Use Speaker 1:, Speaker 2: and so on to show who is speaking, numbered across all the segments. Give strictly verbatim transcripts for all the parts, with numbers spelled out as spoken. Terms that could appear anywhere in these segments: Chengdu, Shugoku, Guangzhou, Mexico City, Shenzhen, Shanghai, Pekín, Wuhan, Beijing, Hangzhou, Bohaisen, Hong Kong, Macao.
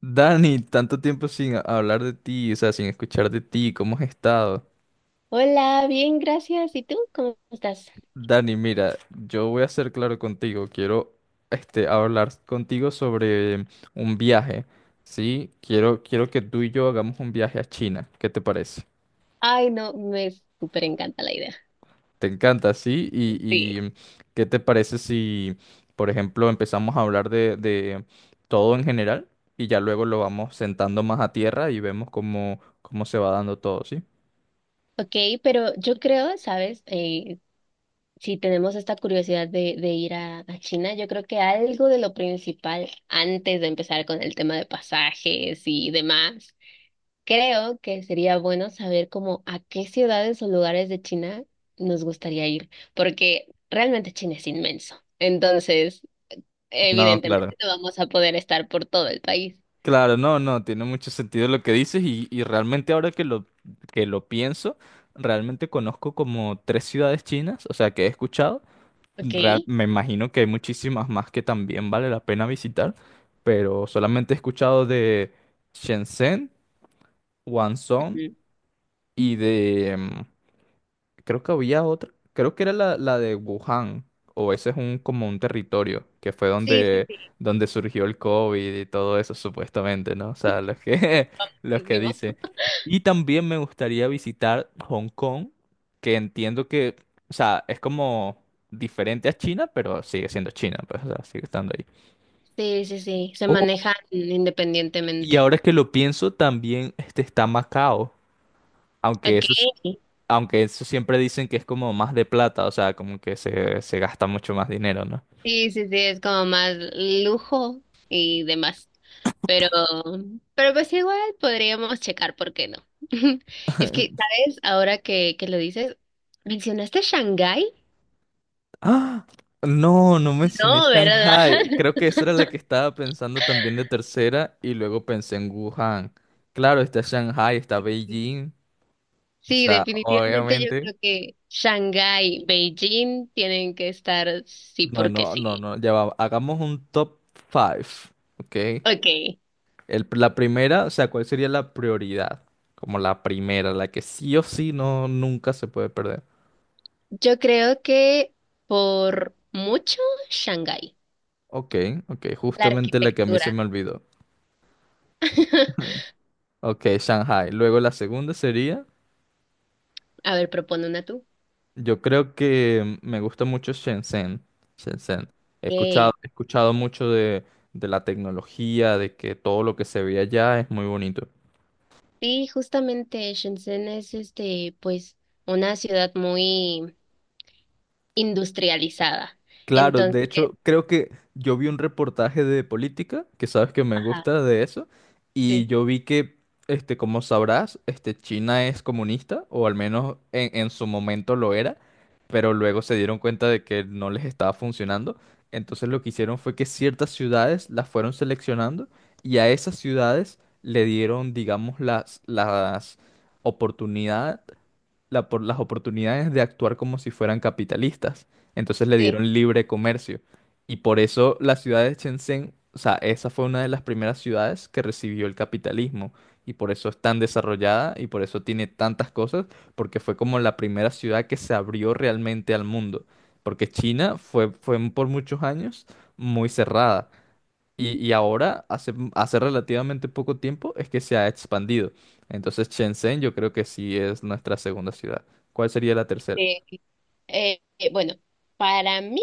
Speaker 1: Dani, tanto tiempo sin a- hablar de ti, o sea, sin escuchar de ti, ¿cómo has estado?
Speaker 2: Hola, bien, gracias. ¿Y tú? ¿Cómo estás?
Speaker 1: Dani, mira, yo voy a ser claro contigo, quiero este, hablar contigo sobre un viaje, ¿sí? Quiero, quiero que tú y yo hagamos un viaje a China, ¿qué te parece?
Speaker 2: Ay, no, me súper encanta la idea.
Speaker 1: ¿Te encanta, sí? ¿Y,
Speaker 2: Sí.
Speaker 1: y qué te parece si, por ejemplo, empezamos a hablar de, de todo en general y ya luego lo vamos sentando más a tierra y vemos cómo, cómo se va dando todo, ¿sí?
Speaker 2: Ok, pero yo creo, ¿sabes? Eh, si tenemos esta curiosidad de, de ir a, a China, yo creo que algo de lo principal antes de empezar con el tema de pasajes y demás, creo que sería bueno saber como a qué ciudades o lugares de China nos gustaría ir, porque realmente China es inmenso. Entonces,
Speaker 1: No, claro.
Speaker 2: evidentemente no vamos a poder estar por todo el país.
Speaker 1: Claro, no, no, tiene mucho sentido lo que dices y, y realmente ahora que lo, que lo pienso, realmente conozco como tres ciudades chinas, o sea, que he escuchado.
Speaker 2: Ok.
Speaker 1: Real- me imagino que hay muchísimas más que también vale la pena visitar, pero solamente he escuchado de Shenzhen, Guangzhou.
Speaker 2: Mm.
Speaker 1: y de em, Creo que había otra. Creo que era la, la de Wuhan. O ese es un como un territorio que fue
Speaker 2: Sí, sí,
Speaker 1: donde,
Speaker 2: sí,
Speaker 1: donde surgió el COVID y todo eso, supuestamente, ¿no? O sea, los que, los
Speaker 2: sí,
Speaker 1: que
Speaker 2: fuimos.
Speaker 1: dicen. Y también me gustaría visitar Hong Kong, que entiendo que, o sea, es como diferente a China, pero sigue siendo China, pues, o sea, sigue estando ahí.
Speaker 2: Sí, sí, sí, se
Speaker 1: Oh,
Speaker 2: manejan
Speaker 1: y
Speaker 2: independientemente.
Speaker 1: ahora que lo pienso, también este, está Macao. aunque eso
Speaker 2: Ok.
Speaker 1: Aunque eso siempre dicen que es como más de plata, o sea, como que se, se gasta mucho más dinero, ¿no?
Speaker 2: Sí, sí, sí, es como más lujo y demás. Pero, pero pues igual podríamos checar, ¿por qué no? Es que, ¿sabes? Ahora que, que lo dices, ¿mencionaste Shanghái?
Speaker 1: ¡Ah! No, no mencioné
Speaker 2: No, ¿verdad?
Speaker 1: Shanghai. Creo que esa era la que estaba pensando también de tercera y luego pensé en Wuhan. Claro, está Shanghai, está Beijing. O
Speaker 2: Sí,
Speaker 1: sea,
Speaker 2: definitivamente yo
Speaker 1: obviamente.
Speaker 2: creo que Shanghái, Beijing tienen que estar sí
Speaker 1: No,
Speaker 2: porque
Speaker 1: no, no,
Speaker 2: sí.
Speaker 1: no. Ya va. Hagamos un top five, ¿ok?
Speaker 2: Ok.
Speaker 1: El- la primera, o sea, ¿cuál sería la prioridad? Como la primera, la que sí o sí no, nunca se puede perder.
Speaker 2: Yo creo que por mucho Shanghái,
Speaker 1: Ok, ok,
Speaker 2: la
Speaker 1: justamente la que a mí se
Speaker 2: arquitectura.
Speaker 1: me olvidó. Ok, Shanghai. Luego la segunda sería,
Speaker 2: A ver, propone una tú.
Speaker 1: yo creo que me gusta mucho Shenzhen. Shenzhen. He escuchado,
Speaker 2: Ey.
Speaker 1: he escuchado mucho de, de la tecnología, de que todo lo que se ve allá es muy bonito.
Speaker 2: Sí, justamente Shenzhen es este, pues, una ciudad muy industrializada.
Speaker 1: Claro, de
Speaker 2: Entonces,
Speaker 1: hecho, creo que yo vi un reportaje de política, que sabes que me
Speaker 2: ajá,
Speaker 1: gusta de eso, y
Speaker 2: sí,
Speaker 1: yo vi que, este, como sabrás, este, China es comunista, o al menos en, en su momento lo era, pero luego se dieron cuenta de que no les estaba funcionando. Entonces lo que hicieron fue que ciertas ciudades las fueron seleccionando y a esas ciudades le dieron, digamos, las, las oportunidades la por- las oportunidades de actuar como si fueran capitalistas. Entonces le
Speaker 2: sí,
Speaker 1: dieron libre comercio. Y por eso la ciudad de Shenzhen, o sea, esa fue una de las primeras ciudades que recibió el capitalismo. Y por eso es tan desarrollada y por eso tiene tantas cosas, porque fue como la primera ciudad que se abrió realmente al mundo. Porque China fue, fue por muchos años muy cerrada. Y, y ahora, hace, hace relativamente poco tiempo, es que se ha expandido. Entonces, Shenzhen yo creo que sí es nuestra segunda ciudad. ¿Cuál sería la tercera?
Speaker 2: sí. Eh, eh, bueno, para mí,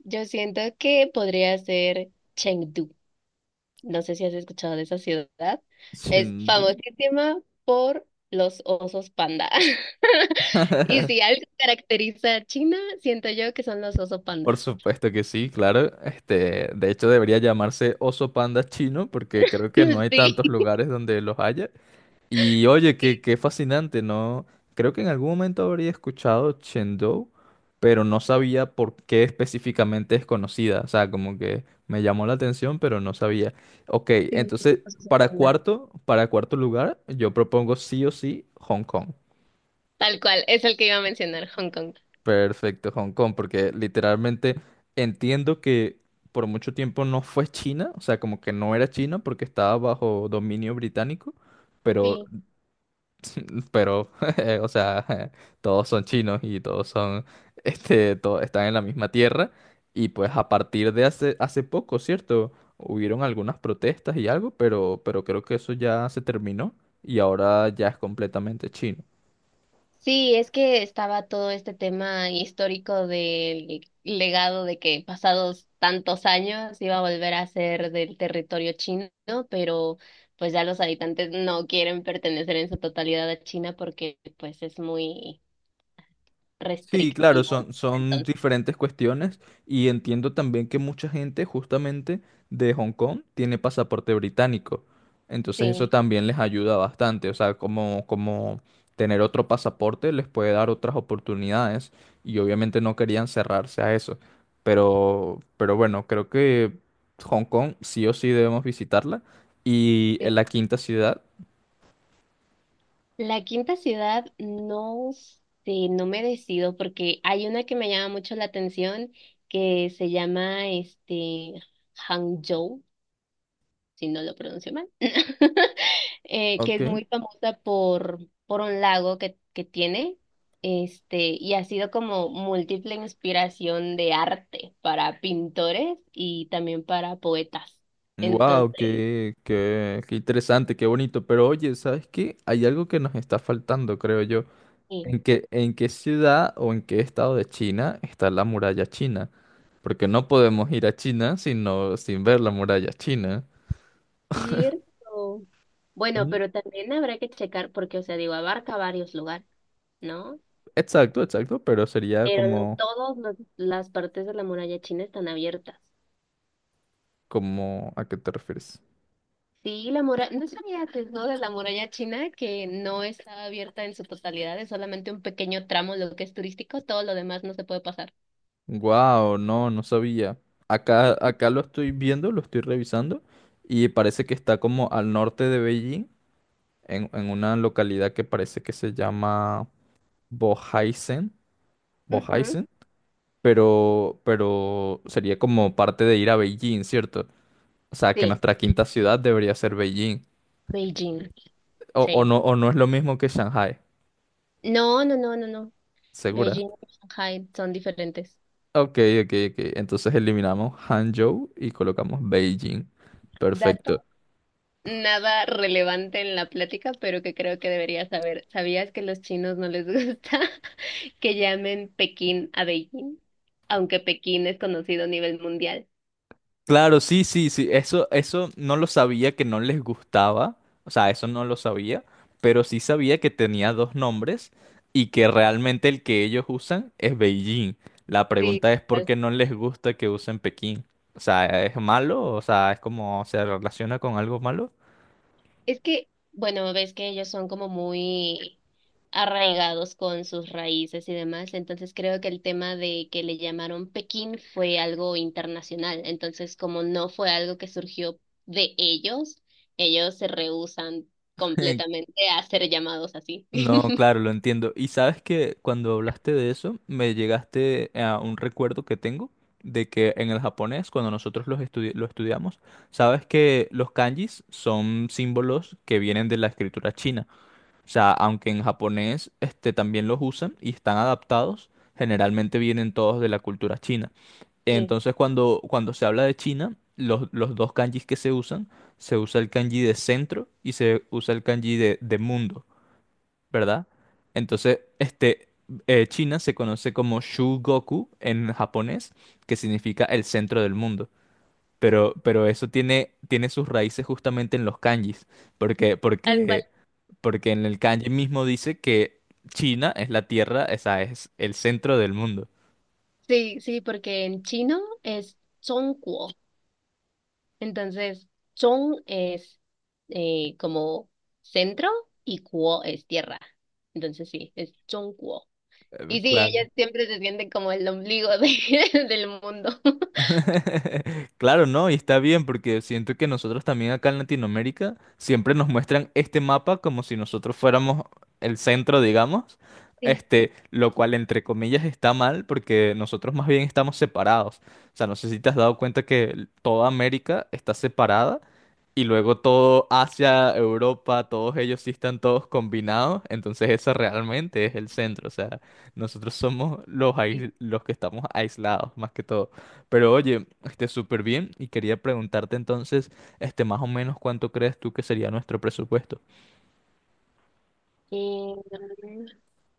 Speaker 2: yo siento que podría ser Chengdu. No sé si has escuchado de esa ciudad. Es
Speaker 1: Chengdu.
Speaker 2: famosísima por los osos panda. Y si algo caracteriza a China, siento yo que son los osos
Speaker 1: Por
Speaker 2: panda.
Speaker 1: supuesto que sí, claro. Este, de hecho, debería llamarse oso panda chino porque creo que no hay tantos lugares donde los haya. Y oye, qué, qué fascinante, ¿no? Creo que en algún momento habría escuchado Chengdu, pero no sabía por qué específicamente es conocida. O sea, como que me llamó la atención, pero no sabía. Ok,
Speaker 2: Sí, sí,
Speaker 1: entonces,
Speaker 2: los osos
Speaker 1: para
Speaker 2: panda.
Speaker 1: cuarto, para cuarto lugar, yo propongo sí o sí Hong Kong.
Speaker 2: Tal cual, es el que iba a mencionar, Hong Kong.
Speaker 1: Perfecto, Hong Kong, porque literalmente entiendo que por mucho tiempo no fue China, o sea, como que no era China porque estaba bajo dominio británico, pero
Speaker 2: Sí.
Speaker 1: pero, o sea, todos son chinos y todos son, este, todos están en la misma tierra. Y pues a partir de hace, hace poco, ¿cierto? Hubieron algunas protestas y algo, pero, pero creo que eso ya se terminó y ahora ya es completamente chino.
Speaker 2: Sí, es que estaba todo este tema histórico del legado de que pasados tantos años iba a volver a ser del territorio chino, pero pues ya los habitantes no quieren pertenecer en su totalidad a China porque pues es muy
Speaker 1: Sí, claro,
Speaker 2: restrictivo, ¿no?
Speaker 1: son, son
Speaker 2: Entonces,
Speaker 1: diferentes cuestiones y entiendo también que mucha gente justamente de Hong Kong tiene pasaporte británico. Entonces eso
Speaker 2: sí,
Speaker 1: también les ayuda bastante, o sea, como, como tener otro pasaporte les puede dar otras oportunidades y obviamente no querían cerrarse a eso. Pero, pero bueno, creo que Hong Kong sí o sí debemos visitarla y
Speaker 2: sí.
Speaker 1: en la quinta ciudad.
Speaker 2: La quinta ciudad, no sé, no me decido porque hay una que me llama mucho la atención que se llama este Hangzhou si no lo pronuncio mal, eh, que es
Speaker 1: Ok.
Speaker 2: muy famosa por, por un lago que, que tiene, este, y ha sido como múltiple inspiración de arte para pintores y también para poetas.
Speaker 1: Wow,
Speaker 2: Entonces,
Speaker 1: qué, qué, qué interesante, qué bonito. Pero oye, ¿sabes qué? Hay algo que nos está faltando, creo yo.
Speaker 2: sí,
Speaker 1: ¿En qué, en qué ciudad o en qué estado de China está la muralla china? Porque no podemos ir a China sino sin ver la muralla china.
Speaker 2: cierto. Bueno,
Speaker 1: Mm.
Speaker 2: pero también habrá que checar porque, o sea, digo, abarca varios lugares, ¿no?
Speaker 1: Exacto, exacto, pero sería
Speaker 2: Pero no
Speaker 1: como,
Speaker 2: todas las partes de la muralla china están abiertas.
Speaker 1: como, ¿a qué te refieres?
Speaker 2: Sí, la muralla, no sabías, ¿no? De la muralla china que no está abierta en su totalidad, es solamente un pequeño tramo lo que es turístico, todo lo demás no se puede pasar.
Speaker 1: Wow, no, no sabía. Acá,
Speaker 2: Sí.
Speaker 1: acá lo estoy viendo, lo estoy revisando y parece que está como al norte de Beijing en, en una localidad que parece que se llama Bohaisen,
Speaker 2: Ujú.
Speaker 1: Bohaisen, pero, pero sería como parte de ir a Beijing, ¿cierto? O sea, que
Speaker 2: Sí,
Speaker 1: nuestra quinta ciudad debería ser Beijing.
Speaker 2: Beijing,
Speaker 1: O, o
Speaker 2: sí.
Speaker 1: no, o no es lo mismo que Shanghai,
Speaker 2: No, no, no, no, no.
Speaker 1: ¿segura?
Speaker 2: Beijing y Shanghai son diferentes.
Speaker 1: Ok, ok, ok. Entonces eliminamos Hangzhou y colocamos Beijing. Perfecto.
Speaker 2: Dato. Nada relevante en la plática, pero que creo que deberías saber. ¿Sabías que los chinos no les gusta que llamen Pekín a Beijing? Aunque Pekín es conocido a nivel mundial.
Speaker 1: Claro, sí, sí, sí, eso, eso no lo sabía que no les gustaba, o sea, eso no lo sabía, pero sí sabía que tenía dos nombres y que realmente el que ellos usan es Beijing. La
Speaker 2: Sí.
Speaker 1: pregunta es por qué no les gusta que usen Pekín. O sea, ¿es malo? O sea, ¿es como se relaciona con algo malo?
Speaker 2: Es que, bueno, ves que ellos son como muy arraigados con sus raíces y demás, entonces creo que el tema de que le llamaron Pekín fue algo internacional, entonces como no fue algo que surgió de ellos, ellos se rehúsan completamente a ser llamados así.
Speaker 1: No, claro, lo entiendo. Y sabes que cuando hablaste de eso, me llegaste a un recuerdo que tengo de que en el japonés, cuando nosotros los estudi- lo estudiamos, sabes que los kanjis son símbolos que vienen de la escritura china. O sea, aunque en japonés este, también los usan y están adaptados, generalmente vienen todos de la cultura china.
Speaker 2: Sí,
Speaker 1: Entonces, cuando, cuando se habla de China, los, los dos kanjis que se usan, se usa el kanji de centro y se usa el kanji de de mundo, ¿verdad? Entonces, este, eh, China se conoce como Shugoku en japonés, que significa el centro del mundo. Pero, pero eso tiene, tiene, sus raíces justamente en los kanjis, porque,
Speaker 2: tal cual.
Speaker 1: porque, porque en el kanji mismo dice que China es la tierra, esa es el centro del mundo.
Speaker 2: Sí, sí, porque en chino es Zhongguo. Entonces, Chong es eh, como centro y Kuo es tierra. Entonces, sí, es Chong Kuo.
Speaker 1: Eh,
Speaker 2: Y sí,
Speaker 1: Claro.
Speaker 2: ella siempre se siente como el ombligo de- del mundo.
Speaker 1: Claro, ¿no? Y está bien porque siento que nosotros también acá en Latinoamérica siempre nos muestran este mapa como si nosotros fuéramos el centro, digamos,
Speaker 2: Sí,
Speaker 1: este, lo cual entre comillas está mal porque nosotros más bien estamos separados. O sea, no sé si te has dado cuenta que toda América está separada y luego todo Asia, Europa, todos ellos sí están todos combinados, entonces ese realmente es el centro. O sea, nosotros somos los,
Speaker 2: sí.
Speaker 1: ais- los que estamos aislados más que todo. Pero oye, este, súper bien y quería preguntarte entonces, este, más o menos cuánto crees tú que sería nuestro presupuesto,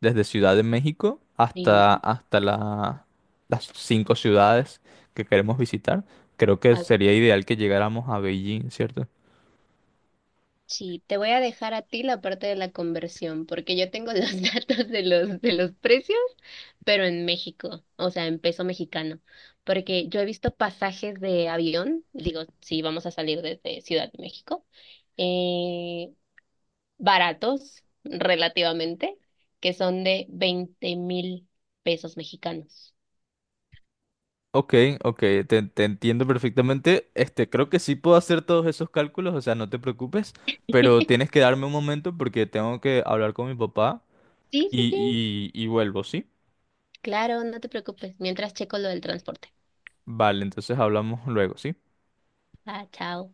Speaker 1: desde Ciudad de México
Speaker 2: Y
Speaker 1: hasta, hasta la- las cinco ciudades que queremos visitar. Creo que sería ideal que llegáramos a Beijing, ¿cierto?
Speaker 2: sí, te voy a dejar a ti la parte de la conversión, porque yo tengo los datos de los, de los precios, pero en México, o sea, en peso mexicano, porque yo he visto pasajes de avión, digo, si vamos a salir desde Ciudad de México, eh, baratos relativamente, que son de veinte mil pesos mexicanos.
Speaker 1: Ok, ok, te, te entiendo perfectamente. Este, creo que sí puedo hacer todos esos cálculos, o sea, no te preocupes, pero tienes que darme un momento porque tengo que hablar con mi papá
Speaker 2: Sí, sí, sí,
Speaker 1: y, y y vuelvo, ¿sí?
Speaker 2: claro, no te preocupes, mientras checo lo del transporte.
Speaker 1: Vale, entonces hablamos luego, ¿sí?
Speaker 2: Ah, chao.